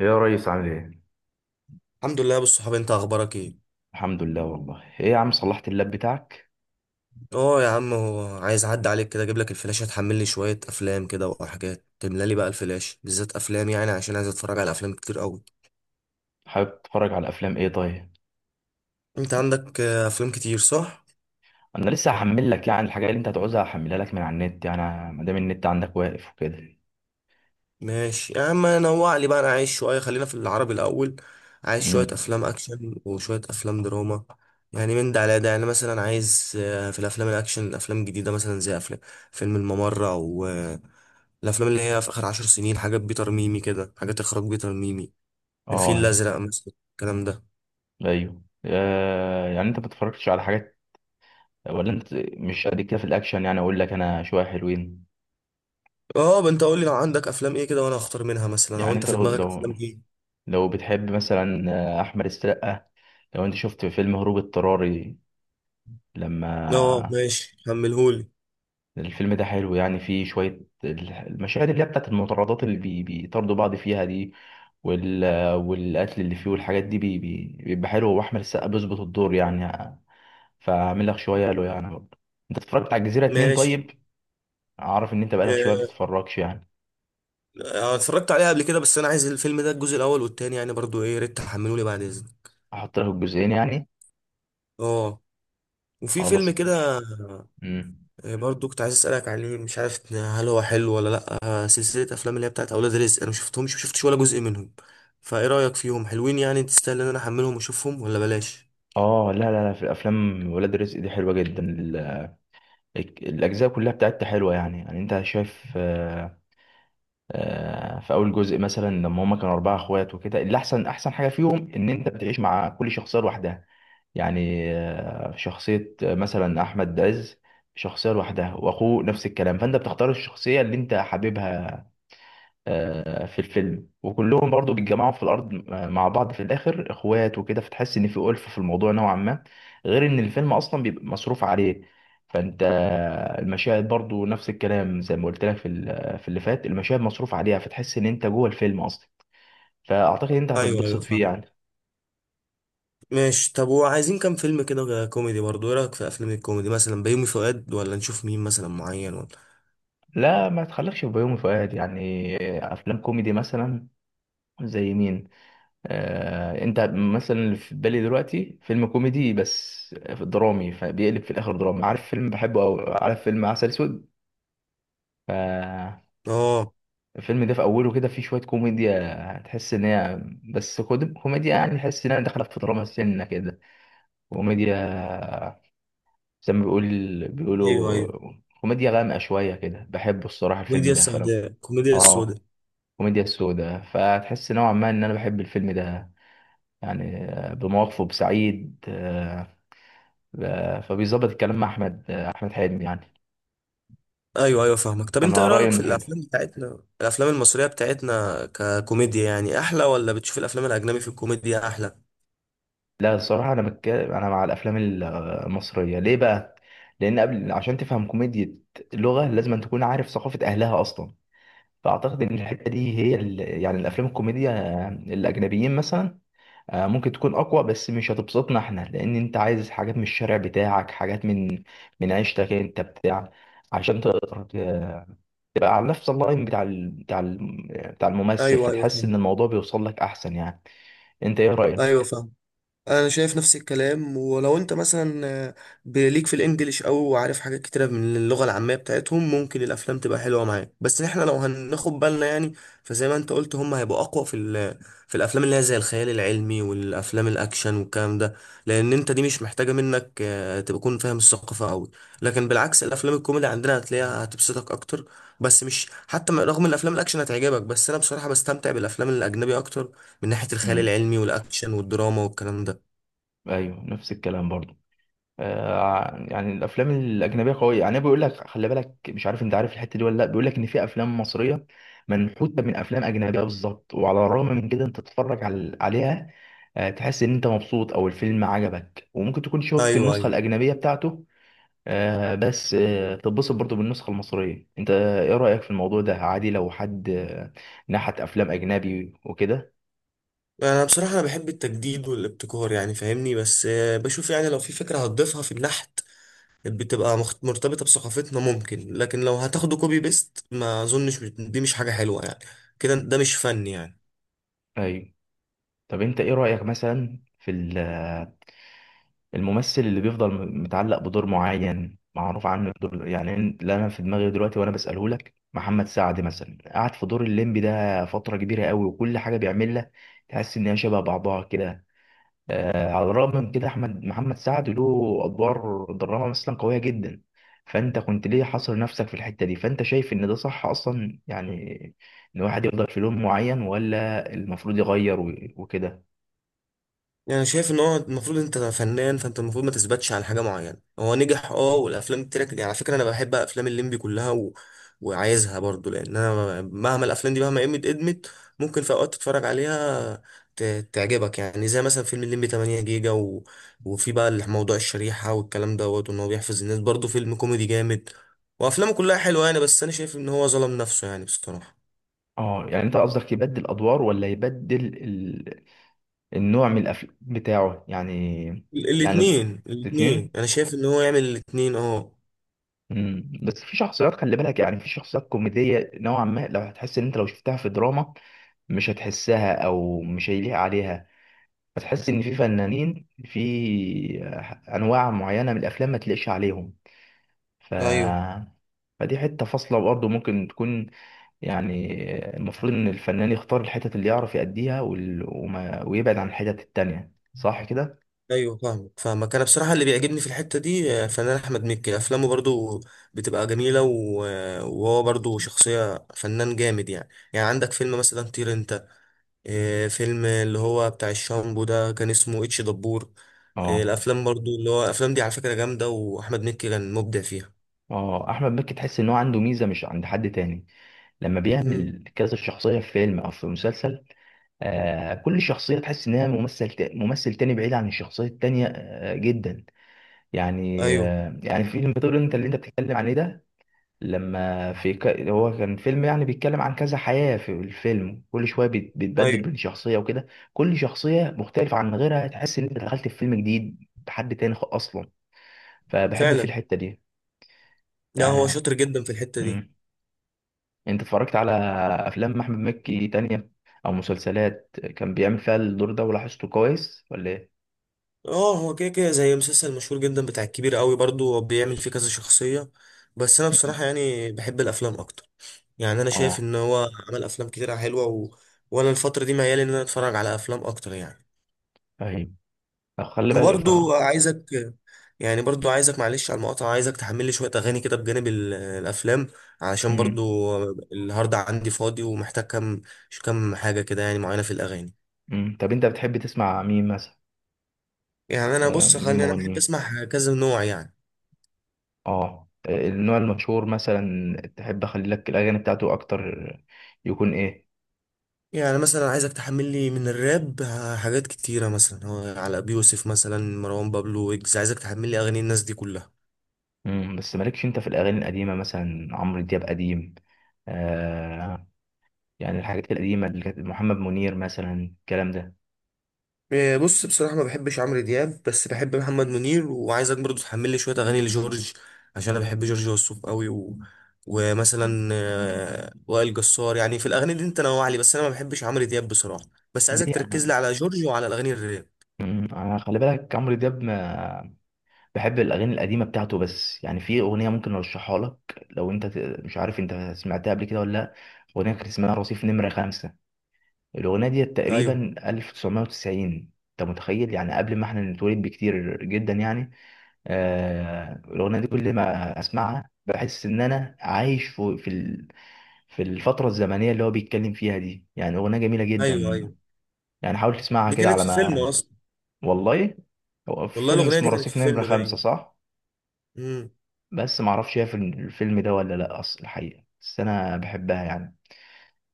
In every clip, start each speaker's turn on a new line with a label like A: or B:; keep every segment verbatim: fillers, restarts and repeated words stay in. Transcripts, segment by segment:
A: يا ريس عامل ايه؟
B: الحمد لله يا ابو الصحاب، انت اخبارك ايه؟
A: الحمد لله والله ايه يا عم صلحت اللاب بتاعك.
B: اه يا عم، هو عايز اعدي عليك كده اجيب لك الفلاشه تحمل لي شويه افلام كده وحاجات، تملى لي بقى الفلاشه بالذات افلام يعني عشان عايز اتفرج على افلام كتير قوي.
A: حابب تتفرج على افلام ايه طيب؟
B: انت عندك آه، افلام كتير، صح؟
A: انا لسه هحمل لك يعني الحاجه اللي انت هتعوزها، هحملها لك من على النت يعني، ما دام النت عندك واقف وكده.
B: ماشي يا عم، نوع لي بقى انا عايز شويه، خلينا في العربي الاول. عايز شويه
A: امم
B: افلام اكشن وشويه افلام دراما، يعني من ده على ده، يعني مثلا عايز آه، في الافلام الاكشن افلام جديده مثلا زي افلام فيلم الممر، او آه، الافلام اللي هي في اخر عشر سنين، حاجات بيتر ميمي كده، حاجات اخراج بيتر ميمي، الفيل
A: اه
B: الازرق مثلا، الكلام ده.
A: ايوه. آه يعني انت ما بتتفرجش على حاجات، ولا انت مش قد كده في الاكشن؟ يعني اقول لك انا شويه حلوين.
B: اه انت قول لي لو عندك افلام ايه كده وانا اختار منها مثلا، او
A: يعني
B: انت
A: انت
B: في
A: لو
B: دماغك
A: لو
B: افلام ايه؟
A: لو بتحب مثلا آه، احمد السقا، لو انت شفت فيلم هروب اضطراري
B: اه
A: لما
B: ماشي كملهولي.
A: الفيلم ده حلو، يعني فيه شوية ال- المشاهد اللي هي بتاعت المطاردات اللي بي- بيطاردوا بعض فيها دي وال... والقتل اللي فيه والحاجات دي بي... بي- بيبقى حلو، وأحمد السقا بيظبط الدور يعني. فأعمل لك شوية له يعني برضه. أنت اتفرجت على الجزيرة اتنين
B: ماشي.
A: طيب؟ أعرف إن أنت بقالك شوية
B: آه،
A: بتتفرجش يعني.
B: آه، اتفرجت عليها قبل كده، بس انا عايز الفيلم ده الجزء الاول والتاني يعني برضو ايه، يا ريت تحملولي بعد اذنك.
A: أحط لك الجزئين يعني.
B: اه، وفي
A: خلاص
B: فيلم
A: ماشي.
B: كده.
A: مم.
B: آه، برضو كنت عايز اسالك عليه، مش عارف هل هو حلو ولا لا. آه، سلسله افلام اللي هي بتاعت اولاد رزق، انا ما شفتهمش ما شفتش ولا جزء منهم، فايه رايك فيهم؟ حلوين يعني تستاهل ان انا احملهم واشوفهم ولا بلاش؟
A: آه لا لا لا، في الأفلام ولاد رزق دي حلوة جدا. ال- الأجزاء كلها بتاعتها حلوة يعني. يعني أنت شايف، آه، في اول جزء مثلا لما هما كانوا اربعه اخوات وكده، اللي احسن احسن حاجه فيهم ان انت بتعيش مع كل شخصيه لوحدها، يعني آه، شخصيه، آه، مثلا احمد عز، شخصيه لوحدها، واخوه نفس الكلام. فانت بتختار الشخصيه اللي انت حاببها آه، في الفيلم، وكلهم برضو بيتجمعوا في الارض مع بعض في الاخر اخوات وكده، فتحس ان في ألفة في الموضوع نوعا ما، غير ان الفيلم اصلا بيبقى مصروف عليه. فانت المشاهد برضو نفس الكلام، زي ما قلت لك في ال- في اللي فات، المشاهد مصروف عليها، فتحس ان انت جوه الفيلم اصلا. فاعتقد انت
B: ايوه ايوه
A: هتتبسط فيه
B: فاهم.
A: يعني.
B: ماشي. طب وعايزين كام فيلم كده كوميدي برضه، ايه رأيك في افلام الكوميدي مثلا بيومي فؤاد، ولا نشوف مين مثلا معين، ولا؟
A: لا ما تخليكش في بيومي فؤاد يعني. افلام كوميدي مثلا زي مين؟ آه، انت مثلا اللي في بالي دلوقتي فيلم كوميدي بس درامي، فبيقلب في الاخر دراما. عارف فيلم بحبه، او عارف فيلم عسل اسود؟ ف
B: اه
A: الفيلم ده في اوله كده فيه شويه كوميديا، تحس ان هي بس كود- كوميديا، يعني تحس انها داخله في دراما سنه كده كوميديا، زي ما بيقول
B: ايوه
A: بيقولوا
B: ايوه،
A: كوميديا غامقه شويه كده. بحبه الصراحه الفيلم
B: الكوميديا
A: ده، فانا
B: السوداء الكوميديا السوداء.
A: اه كوميديا سودا، فتحس نوعا ما ان انا بحب الفيلم ده يعني، آه، بمواقفه، بسعيد، آه، آه، فبيظبط الكلام مع احمد، آه، احمد حلمي يعني.
B: ايوه ايوه فاهمك. طب انت ايه
A: انا رايي
B: رأيك في
A: انه حلو.
B: الافلام بتاعتنا الافلام المصرية بتاعتنا ككوميديا، يعني احلى ولا بتشوف الافلام الاجنبي في الكوميديا احلى؟
A: لا الصراحه انا بك... انا مع الافلام ال- المصريه، ليه بقى؟ لان قبل عشان تفهم كوميديا لغه، لازم أن تكون عارف ثقافه اهلها اصلا. فاعتقد ان الحته دي هي ال... يعني الافلام الكوميديا، آه، الاجنبيين مثلا، آه، ممكن تكون اقوى، بس مش هتبسطنا احنا، لان انت عايز حاجات من الشارع بتاعك، حاجات من من عيشتك انت بتاع، عشان تقدر تبقى على نفس اللاين بتاع ال... بتاع ال... بتاع الممثل،
B: ايوه ايوه
A: فتحس
B: فاهم.
A: ان الموضوع بيوصل لك احسن يعني. انت ايه
B: ايوه
A: رايك؟
B: فاهم، انا شايف نفس الكلام. ولو انت مثلا آه، بليك في الانجليش او عارف حاجات كتيره من اللغه العاميه بتاعتهم ممكن الافلام تبقى حلوه معاك، بس احنا لو هناخد بالنا يعني. فزي ما انت قلت هم هيبقوا اقوى في ال- في الافلام اللي هي زي الخيال العلمي والافلام الاكشن والكلام ده، لان انت دي مش محتاجه منك آه، تبقى تكون فاهم الثقافه قوي، لكن بالعكس الافلام الكوميدي عندنا هتلاقيها هتبسطك اكتر. بس مش حتى م- رغم ان الافلام الاكشن هتعجبك، بس انا بصراحه بستمتع بالافلام الاجنبي اكتر من ناحيه الخيال
A: امم
B: العلمي والاكشن والدراما والكلام ده.
A: ايوه نفس الكلام برضه. آه يعني الافلام الاجنبيه قويه، يعني بيقول لك خلي بالك، مش عارف انت عارف الحته دي ولا لا، بيقول لك ان في افلام مصريه منحوته من افلام اجنبيه بالظبط، وعلى الرغم من كده انت تتفرج على... عليها، آه تحس ان انت مبسوط او الفيلم عجبك، وممكن تكون شفت
B: ايوه
A: النسخه
B: ايوه.
A: الاجنبيه بتاعته. آه بس آه تتبسط برضو بالنسخة المصرية. انت ايه رأيك في الموضوع ده؟ عادي لو حد آه، نحت افلام اجنبي وكده؟
B: انا بصراحه انا بحب التجديد والابتكار يعني فاهمني، بس آه، بشوف يعني لو في فكره هتضيفها في النحت بتبقى مخت- مرتبطه بثقافتنا ممكن، لكن لو هتاخده كوبي بيست ما اظنش، دي مش حاجه حلوه يعني، كده ده مش فن يعني.
A: ايوه. طب انت ايه رأيك مثلا في ال- آه، الممثل اللي بيفضل م- متعلق بدور معين معروف عنه الدور، يعني ان- اللي انا في دماغي دلوقتي وانا بسأله لك، محمد سعد مثلا قعد في دور الليمبي ده فترة كبيرة قوي، وكل حاجة بيعملها تحس ان هي شبه بعضها كده. آه، على الرغم من كده احمد محمد سعد له ادوار دراما مثلا قويه جدا. فانت كنت ليه حاصر نفسك في الحته دي؟ فانت شايف ان ده صح اصلا يعني، ان واحد يفضل في لون معين، ولا المفروض يغير و- وكده؟
B: يعني أنا شايف ان هو المفروض انت فنان، فانت المفروض ما تثبتش على حاجه معينه، هو نجح اه والافلام بتاعتك، يعني على فكره انا بحب افلام الليمبي كلها و... وعايزها برضو، لان انا مهما الافلام دي مهما قيمت ادمت ممكن في اوقات تتفرج عليها ت... تعجبك، يعني زي مثلا فيلم الليمبي 8 جيجا و... وفي بقى موضوع الشريحه والكلام دوت، وان هو بيحفظ الناس، برضو فيلم كوميدي جامد، وافلامه كلها حلوه يعني، بس انا شايف ان هو ظلم نفسه يعني بصراحه.
A: اه يعني انت قصدك يبدل ادوار، ولا يبدل ال... النوع من الافلام بتاعه يعني؟
B: ال-
A: يعني
B: الاتنين الاتنين،
A: الاثنين.
B: انا شايف ان هو يعمل الاتنين اه.
A: مم. بس في شخصيات خلي بالك، يعني في شخصيات كوميديه نوعا ما لو هتحس ان انت لو شفتها في دراما مش هتحسها، او مش هيليق عليها. فتحس ان في فنانين في انواع معينه من الافلام ما تلاقيش عليهم. ف
B: ايوه
A: فدي حته فاصله برضه ممكن تكون يعني، المفروض ان الفنان يختار الحتت اللي يعرف يأديها، وال... وما... ويبعد عن الحتت التانية. صح كده؟
B: ايوه فاهمك فاهمك، انا بصراحه اللي بيعجبني في الحته دي آه، فنان احمد مكي، افلامه برضو بتبقى جميله و- آه، وهو برضو شخصيه فنان جامد يعني يعني عندك فيلم مثلا طير انت، آه، فيلم اللي هو بتاع الشامبو ده كان اسمه اتش دبور، آه،
A: اه.
B: الافلام برضو اللي هو الافلام دي على فكره جامده، واحمد مكي كان مبدع فيها.
A: اه احمد مكي تحس ان هو عنده ميزه مش عند حد تاني، لما
B: مم.
A: بيعمل كذا شخصيه في فيلم او في مسلسل. آه كل شخصيه تحس انها ممثل تا... ممثل تاني، بعيد عن الشخصيه التانية آه جدا يعني.
B: ايوه
A: آه، يعني فيلم بتقول انت اللي انت بتتكلم عليه ده، لما في ك... هو كان فيلم يعني بيتكلم عن كذا حياة في الفيلم، كل شوية بيت- بيتبدل
B: ايوه
A: بين شخصية وكده، كل شخصية مختلفة عن غيرها، تحس ان انت دخلت في فيلم جديد بحد تاني خ- اصلا. فبحب في
B: فعلا،
A: الحتة دي
B: لا هو
A: يعني.
B: شاطر جدا في الحته دي.
A: مم. انت اتفرجت على افلام احمد مكي تانية او مسلسلات كان بيعمل فيها الدور ده، ولاحظته كويس ولا ايه؟
B: اه، هو كده كده زي مسلسل مشهور جدا بتاع الكبير قوي، برضو هو بيعمل فيه كذا شخصية، بس انا
A: مم.
B: بصراحة يعني بحب الافلام اكتر. يعني انا شايف
A: اه
B: ان هو عمل افلام كتيرة حلوة و... وانا الفترة دي ميال ان انا اتفرج على افلام اكتر يعني.
A: ايوه. طب خلي بالك افتكرت.
B: وبرضو عايزك يعني برضو عايزك، معلش على المقاطعة، عايزك تحمل لي شوية اغاني كده بجانب ال- الافلام، علشان
A: مم.
B: برضو النهاردة عندي فاضي ومحتاج كم كم حاجة كده، يعني معينة في الاغاني.
A: مم. طب انت بتحب تسمع مين مثلا؟
B: يعني انا
A: آه،
B: بص،
A: مين
B: خليني انا بحب
A: مغنيين؟
B: اسمع كذا نوع يعني.
A: اه آه، النوع المشهور مثلا تحب اخلي لك الاغاني بتاعته اكتر، يكون ايه؟
B: يعني مثلا عايزك تحمل لي من الراب ه- حاجات كتيرة، مثلا هو على أبي يوسف، مثلا مروان بابلو، ويجز، عايزك تحمل لي أغاني الناس دي كلها.
A: مم. بس مالكش انت في الاغاني القديمه مثلا؟ عمرو دياب قديم آه، يعني الحاجات القديمه اللي كانت، محمد منير مثلا، الكلام ده؟
B: إيه، بص بصراحة ما بحبش عمرو دياب بس بحب محمد منير، وعايزك برضو تحمل لي شوية أغاني لجورج عشان أنا بحب جورج وسوف قوي و... ومثلا آه، وائل جسار، يعني في الأغاني دي أنت نوع لي، بس أنا ما بحبش عمرو دياب بصراحة، بس عايزك
A: ليه
B: تركز لي
A: انا.
B: على جورج وعلى الأغاني الراب.
A: مم، أنا خلي بالك عمرو دياب ما بحب الاغاني القديمه بتاعته، بس يعني في اغنيه ممكن ارشحها لك، لو انت ت- مش عارف انت سمعتها قبل كده ولا لا. اغنيه كانت اسمها رصيف نمره خمسة. الأغنية دي
B: أيوه
A: تقريبا تسعين. أنت متخيل؟ يعني قبل ما احنا نتولد بكتير جدا يعني. آه الأغنية دي كل ما أسمعها بحس إن أنا عايش في في ال- في الفترة الزمنية اللي هو بيتكلم فيها دي. يعني أغنية جميلة
B: أيوه
A: جدا.
B: أيوه،
A: يعني حاول تسمعها
B: دي
A: كده
B: كانت
A: على
B: في فيلم
A: ما.
B: أصلا.
A: والله هو
B: والله
A: فيلم
B: الأغنية دي
A: اسمه
B: كانت
A: رصيف
B: في
A: نمرة
B: فيلم،
A: خمسة صح؟
B: باين.
A: بس معرفش هي في الفيلم ده ولا لأ أصل الحقيقة، بس أنا بحبها يعني.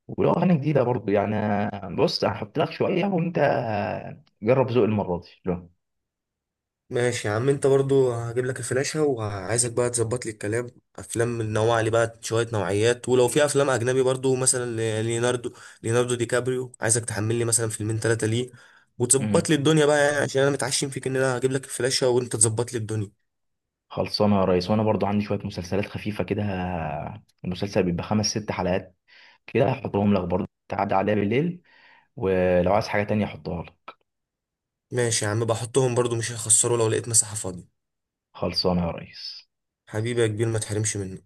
A: ولو أغاني جديدة برضو يعني، بص هحط لك شوية، وأنت جرب ذوق المرة دي لو.
B: ماشي يا عم، انت برضو هجيب لك الفلاشة وعايزك بقى تظبط لي الكلام، افلام نوع لي بقى شوية نوعيات، ولو في افلام اجنبي برضو مثلا ل- ليوناردو، ليوناردو دي كابريو، عايزك تحمل لي مثلا فيلمين ثلاثة ليه،
A: مم.
B: وتظبط لي الدنيا بقى يعني عشان انا متعشم فيك ان انا هجيب لك الفلاشة وانت تظبط لي الدنيا.
A: خلصانة يا ريس. وأنا برضو عندي شوية مسلسلات خفيفة كده، المسلسل بيبقى خمس ست حلقات كده، هحطهم لك برضو تعدي عليها بالليل، ولو عايز حاجة تانية أحطها لك.
B: ماشي يا عم، بحطهم برضو مش هيخسروا لو لقيت مساحة فاضية.
A: خلصانة يا ريس.
B: حبيبي يا كبير، ما تحرمش مني.